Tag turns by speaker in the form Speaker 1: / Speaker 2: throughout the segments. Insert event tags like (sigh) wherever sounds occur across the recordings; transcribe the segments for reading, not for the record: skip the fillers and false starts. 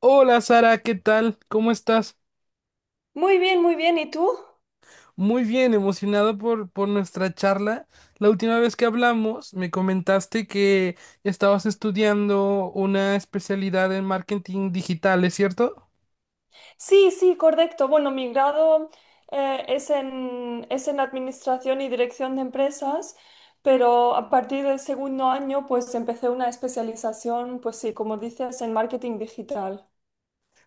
Speaker 1: Hola Sara, ¿qué tal? ¿Cómo estás?
Speaker 2: Muy bien, muy bien. ¿Y tú?
Speaker 1: Muy bien, emocionado por nuestra charla. La última vez que hablamos me comentaste que estabas estudiando una especialidad en marketing digital, ¿es cierto?
Speaker 2: Sí, sí, correcto. Bueno, mi grado es en Administración y Dirección de Empresas, pero a partir del segundo año pues empecé una especialización, pues sí, como dices, en marketing digital.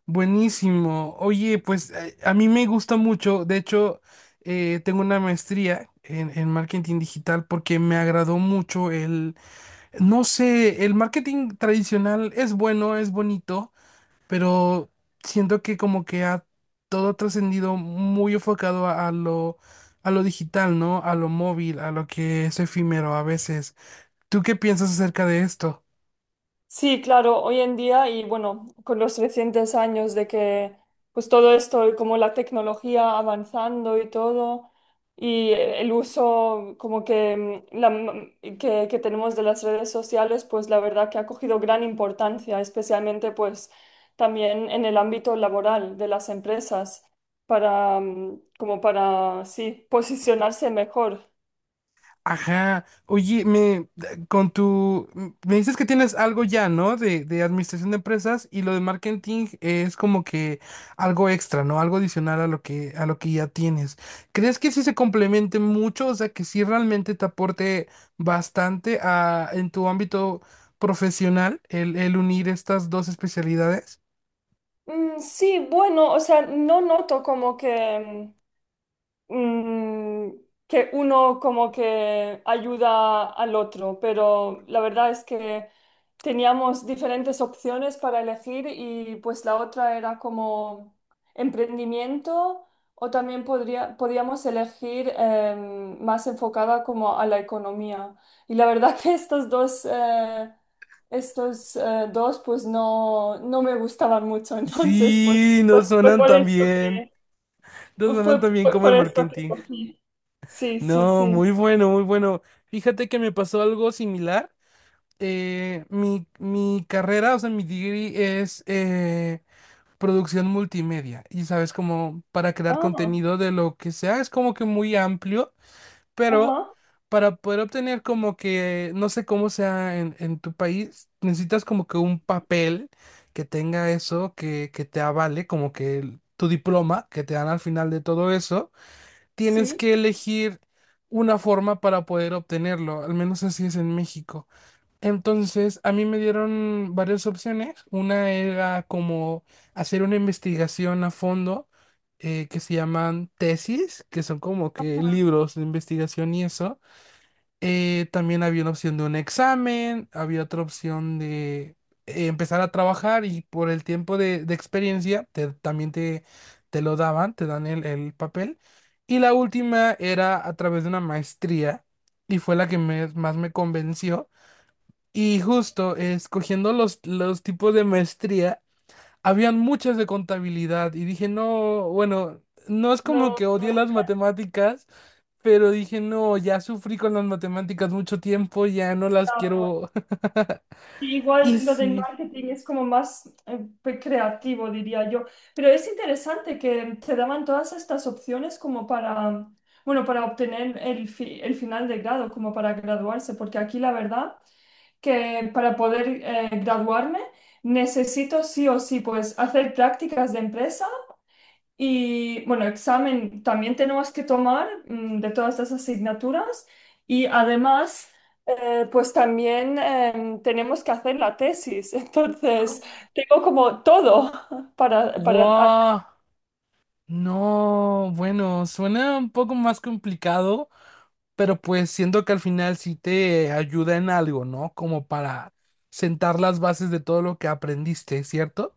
Speaker 1: Buenísimo. Oye, pues a mí me gusta mucho. De hecho, tengo una maestría en marketing digital porque me agradó mucho el. No sé, el marketing tradicional es bueno, es bonito, pero siento que como que ha todo trascendido muy enfocado a lo digital, ¿no? A lo móvil, a lo que es efímero a veces. ¿Tú qué piensas acerca de esto?
Speaker 2: Sí, claro, hoy en día y bueno, con los recientes años de que pues todo esto, como la tecnología avanzando y todo, y el uso como que, que tenemos de las redes sociales, pues la verdad que ha cogido gran importancia, especialmente pues también en el ámbito laboral de las empresas, para, como para, sí, posicionarse mejor.
Speaker 1: Ajá. Oye, me con tu me dices que tienes algo ya, ¿no? De administración de empresas y lo de marketing es como que algo extra, ¿no? Algo adicional a lo que ya tienes. ¿Crees que sí se complemente mucho? O sea, que sí realmente te aporte bastante a en tu ámbito profesional el unir estas dos especialidades.
Speaker 2: Sí, bueno, o sea, no noto como que... mm, mm, que uno como que ayuda al otro, pero la verdad es que teníamos diferentes opciones para elegir y pues la otra era como emprendimiento o también podíamos elegir más enfocada como a la economía. Y la verdad (laughs) que estos dos pues no, no me gustaban mucho, (laughs) entonces pues,
Speaker 1: Sí, no
Speaker 2: pues fue
Speaker 1: suenan
Speaker 2: por
Speaker 1: tan
Speaker 2: eso
Speaker 1: bien. No
Speaker 2: pues
Speaker 1: suenan tan bien
Speaker 2: Fue
Speaker 1: como el
Speaker 2: por esto que
Speaker 1: marketing.
Speaker 2: cogí. Sí, sí,
Speaker 1: No,
Speaker 2: sí.
Speaker 1: muy bueno, muy bueno. Fíjate que me pasó algo similar. Mi carrera, o sea, mi degree es producción multimedia. Y sabes, como para crear
Speaker 2: Ah,
Speaker 1: contenido de lo que sea, es como que muy amplio,
Speaker 2: ajá,
Speaker 1: pero para poder obtener como que, no sé cómo sea en tu país, necesitas como que un papel que tenga eso, que te avale, como que el- tu diploma que te dan al final de todo eso tienes
Speaker 2: sí.
Speaker 1: que elegir una forma para poder obtenerlo, al menos así es en México. Entonces, a mí me dieron varias opciones. Una era como hacer una investigación a fondo que se llaman tesis, que son como que libros de investigación y eso. También había una opción de un examen, había otra opción de empezar a trabajar y por el tiempo de experiencia te- también te lo daban, te dan el papel. Y la última era a través de una maestría y fue la que me- más me convenció. Y justo escogiendo los tipos de maestría. Habían muchas de contabilidad y dije, no, bueno, no es como
Speaker 2: No,
Speaker 1: que odié
Speaker 2: no,
Speaker 1: las matemáticas, pero dije, no, ya sufrí con las matemáticas mucho tiempo, ya no las
Speaker 2: claro.
Speaker 1: quiero. (laughs)
Speaker 2: Y
Speaker 1: Y
Speaker 2: igual lo del
Speaker 1: sí,
Speaker 2: marketing es como más pues, creativo, diría yo. Pero es interesante que te daban todas estas opciones como para, bueno, para obtener el final de grado, como para graduarse, porque aquí la verdad que para poder graduarme necesito sí o sí pues hacer prácticas de empresa. Y bueno, examen también tenemos que tomar de todas las asignaturas y además pues también tenemos que hacer la tesis, (laughs) entonces tengo como todo (laughs) para hacer.
Speaker 1: guau, no, bueno, suena un poco más complicado, pero pues siento que al final sí te ayuda en algo, ¿no? Como para sentar las bases de todo lo que aprendiste, ¿cierto?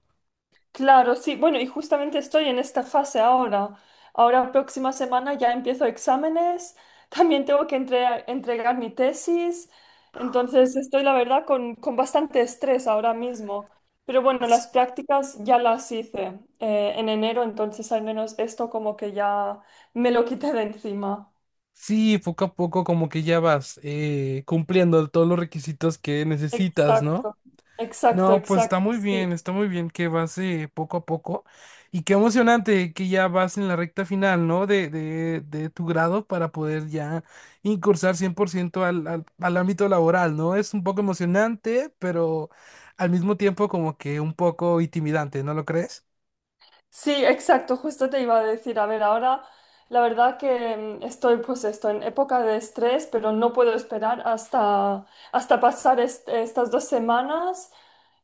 Speaker 2: Claro, sí, bueno, y justamente estoy en esta fase ahora. Ahora, próxima semana ya empiezo exámenes, (laughs) también tengo que entregar mi tesis, entonces estoy, la verdad, con bastante estrés ahora mismo. Pero bueno, las prácticas ya las hice en enero, entonces al menos esto como que ya me lo quité de encima.
Speaker 1: Sí, poco a poco como que ya vas cumpliendo todos los requisitos que necesitas, ¿no?
Speaker 2: Exacto, exacto,
Speaker 1: No, pues
Speaker 2: exacto, sí.
Speaker 1: está muy bien que vas poco a poco y qué emocionante que ya vas en la recta final, ¿no? De tu grado para poder ya incursar 100% al, al, al ámbito laboral, ¿no? Es un poco emocionante, pero al mismo tiempo como que un poco intimidante, ¿no lo crees?
Speaker 2: Sí, exacto, justo te iba a decir, a ver, ahora la verdad que estoy pues esto en época de estrés, pero no puedo esperar hasta, hasta pasar estas dos semanas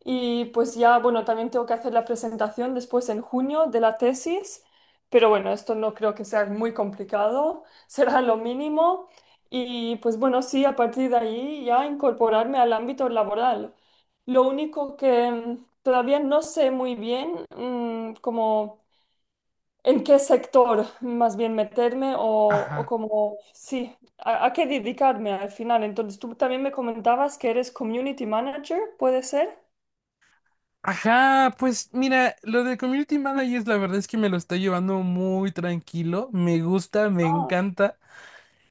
Speaker 2: y pues ya, bueno, también tengo que hacer la presentación después en junio de la tesis, pero bueno, esto no creo que sea muy complicado, (laughs) será lo mínimo y pues bueno, sí, a partir de ahí ya incorporarme al ámbito laboral. Lo único que, todavía no sé muy bien como en qué sector más bien meterme o
Speaker 1: Ajá.
Speaker 2: como, sí, a qué dedicarme al final. Entonces, tú también me comentabas que eres community manager, ¿puede ser?
Speaker 1: Ajá, pues mira, lo de Community Managers la verdad es que me lo está llevando muy tranquilo, me gusta, me
Speaker 2: Ah,
Speaker 1: encanta.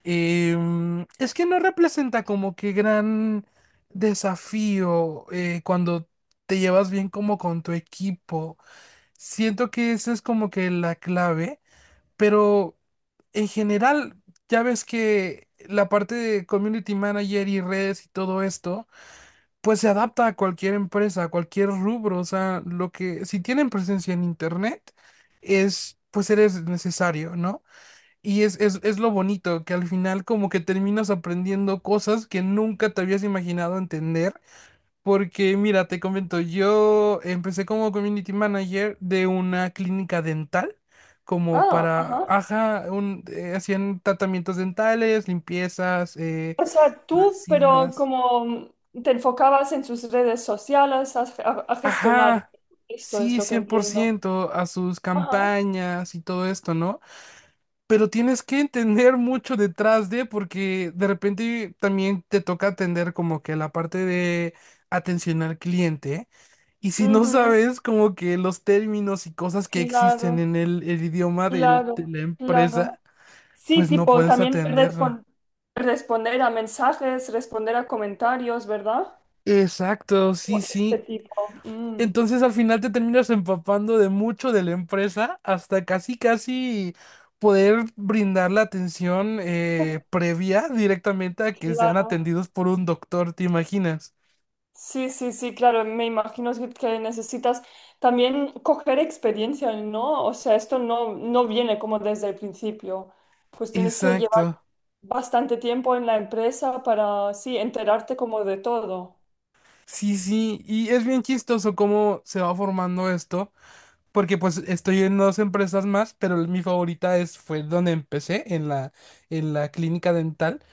Speaker 1: Es que no representa como que gran desafío cuando te llevas bien como con tu equipo. Siento que esa es como que la clave, pero en general ya ves que la parte de Community Manager y redes y todo esto pues se adapta a cualquier empresa, a cualquier rubro, o sea, lo que, si tienen presencia en internet, es, pues eres necesario, ¿no? Es lo bonito, que al final como que terminas aprendiendo cosas que nunca te habías imaginado entender, porque mira, te comento, yo empecé como community manager de una clínica dental, como
Speaker 2: ah,
Speaker 1: para,
Speaker 2: ajá.
Speaker 1: ajá, un, hacían tratamientos dentales, limpiezas,
Speaker 2: O sea, tú, pero
Speaker 1: resinas.
Speaker 2: como te enfocabas en sus redes sociales a, a gestionar.
Speaker 1: Ajá,
Speaker 2: Esto es
Speaker 1: sí,
Speaker 2: lo que
Speaker 1: cien por
Speaker 2: entiendo.
Speaker 1: ciento a sus
Speaker 2: Ajá.
Speaker 1: campañas y todo esto, ¿no? Pero tienes que entender mucho detrás de, porque de repente también te toca atender como que la parte de atención al cliente. Y si no
Speaker 2: Ujú.
Speaker 1: sabes como que los términos y cosas que existen
Speaker 2: Claro,
Speaker 1: en el idioma del- de
Speaker 2: claro,
Speaker 1: la empresa,
Speaker 2: claro. Sí,
Speaker 1: pues no
Speaker 2: tipo,
Speaker 1: puedes
Speaker 2: también
Speaker 1: atenderlo.
Speaker 2: responder a mensajes, responder a comentarios, ¿verdad?
Speaker 1: Exacto,
Speaker 2: O
Speaker 1: sí,
Speaker 2: este
Speaker 1: sí.
Speaker 2: tipo.
Speaker 1: Entonces al final te terminas empapando de mucho de la empresa hasta casi casi poder brindar la atención previa directamente a que sean
Speaker 2: Claro.
Speaker 1: atendidos por un doctor, ¿te imaginas?
Speaker 2: Sí, sí, sí, claro. Me imagino que necesitas también coger experiencia, ¿no? O sea, esto no, no viene como desde el principio. Pues tienes que llevar
Speaker 1: Exacto.
Speaker 2: bastante tiempo en la empresa para, sí, enterarte como de todo.
Speaker 1: Sí, sí, y es bien chistoso cómo se va formando esto. Porque pues estoy en dos empresas más, pero mi favorita es, fue donde empecé, en la clínica dental,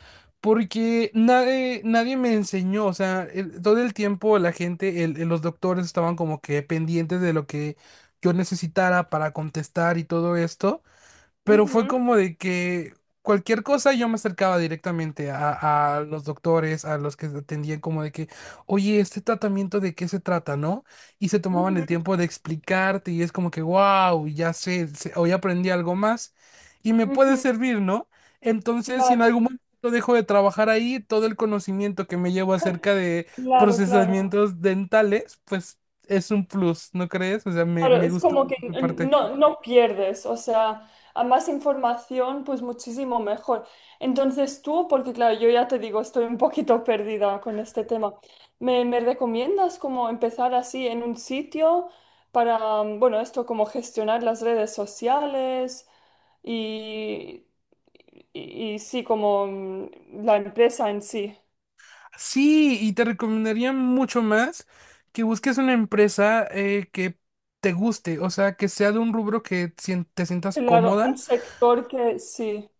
Speaker 1: porque nadie, nadie me enseñó, o sea, el- todo el tiempo la gente, el- los doctores estaban como que pendientes de lo que yo necesitara para contestar y todo esto pero fue
Speaker 2: Ujú,
Speaker 1: como de que cualquier cosa yo me acercaba directamente a los doctores, a los que atendían, como de que, oye, este tratamiento de qué se trata, ¿no? Y se tomaban el
Speaker 2: ujú,
Speaker 1: tiempo de explicarte y es como que, wow, ya sé, sé- hoy aprendí algo más y me puede
Speaker 2: ujú.
Speaker 1: servir, ¿no? Entonces, si en
Speaker 2: Claro,
Speaker 1: algún momento dejo de trabajar ahí, todo el conocimiento que me llevo
Speaker 2: (laughs)
Speaker 1: acerca de
Speaker 2: claro, claro.
Speaker 1: procesamientos dentales, pues es un plus, ¿no crees? O sea,
Speaker 2: Claro,
Speaker 1: me
Speaker 2: es
Speaker 1: gusta
Speaker 2: como que
Speaker 1: mucho esa parte.
Speaker 2: no, no pierdes, o sea, a más información, pues muchísimo mejor. Entonces tú, porque claro, yo ya te digo, estoy un poquito (laughs) perdida con este tema, ¿me, me recomiendas como empezar así en un sitio para, bueno, esto como gestionar las redes sociales y, y sí, como la empresa en sí?
Speaker 1: Sí, y te recomendaría mucho más que busques una empresa que te guste, o sea, que sea de un rubro que sien- te sientas
Speaker 2: Claro,
Speaker 1: cómoda.
Speaker 2: un sector que sí,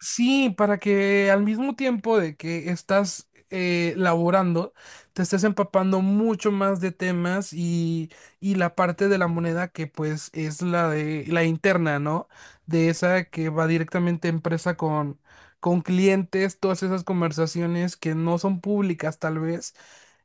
Speaker 1: Sí, para que al mismo tiempo de que estás laborando, te estés empapando mucho más de temas y la parte de la moneda que pues es la de la interna, ¿no? De esa que va directamente empresa con clientes, todas esas conversaciones que no son públicas tal vez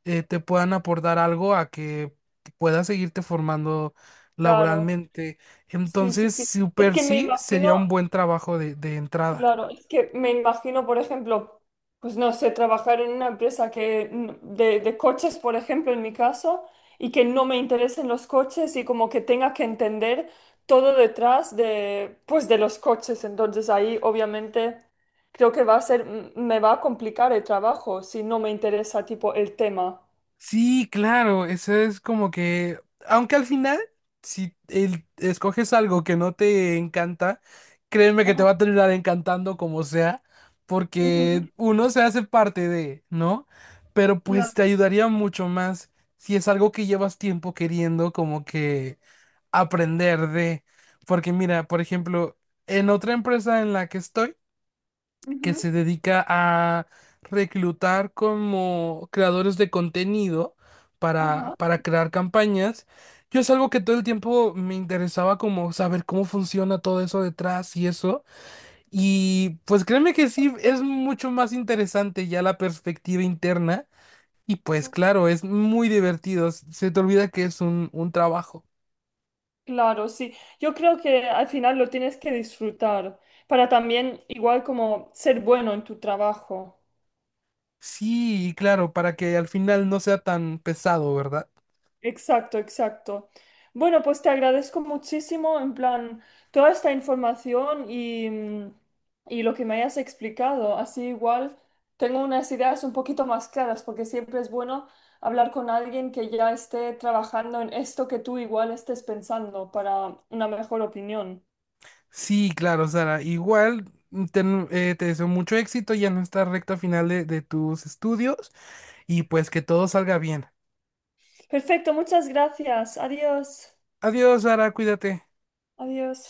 Speaker 1: te puedan aportar algo a que puedas seguirte formando
Speaker 2: claro,
Speaker 1: laboralmente.
Speaker 2: sí, sí,
Speaker 1: Entonces,
Speaker 2: sí. Es
Speaker 1: super
Speaker 2: que me
Speaker 1: sí
Speaker 2: imagino.
Speaker 1: sería un buen trabajo de entrada.
Speaker 2: Claro, es que me imagino, por ejemplo, pues no sé, trabajar en una empresa que de coches, por ejemplo, en mi caso, y que no me interesen los coches y como que tenga que entender todo detrás de, pues, de los coches. Entonces ahí obviamente creo que va a ser, me va a complicar el trabajo si no me interesa tipo el tema.
Speaker 1: Sí, claro, eso es como que, aunque al final, si el- escoges algo que no te encanta, créeme que te
Speaker 2: Ajá.
Speaker 1: va a terminar encantando como sea,
Speaker 2: Ujú,
Speaker 1: porque uno se hace parte de, ¿no? Pero
Speaker 2: claro.
Speaker 1: pues te ayudaría mucho más si es algo que llevas tiempo queriendo, como que aprender de, porque mira, por ejemplo, en otra empresa en la que estoy, que
Speaker 2: Ujú,
Speaker 1: se dedica a reclutar como creadores de contenido para,
Speaker 2: ajá.
Speaker 1: para crear campañas, yo es algo que todo el tiempo me interesaba como saber cómo funciona todo eso detrás y eso, y pues créeme que sí, es mucho más interesante ya la perspectiva interna. Y pues claro, es muy divertido, se te olvida que es un trabajo.
Speaker 2: Claro, sí. Yo creo que al final lo tienes que disfrutar para también igual como ser bueno en tu trabajo.
Speaker 1: Sí, claro, para que al final no sea tan pesado, ¿verdad?
Speaker 2: Exacto, exacto. Bueno, pues te agradezco muchísimo en plan toda esta información y, y lo que me hayas explicado. Así igual tengo unas ideas un poquito más claras porque siempre es bueno hablar con alguien que ya esté trabajando en esto que tú igual estés pensando para una mejor opinión.
Speaker 1: Sí, claro, Sara, igual ten- te deseo mucho éxito ya en esta recta final de tus estudios y pues que todo salga bien.
Speaker 2: Perfecto, muchas gracias. Adiós.
Speaker 1: Adiós, Sara, cuídate.
Speaker 2: Adiós.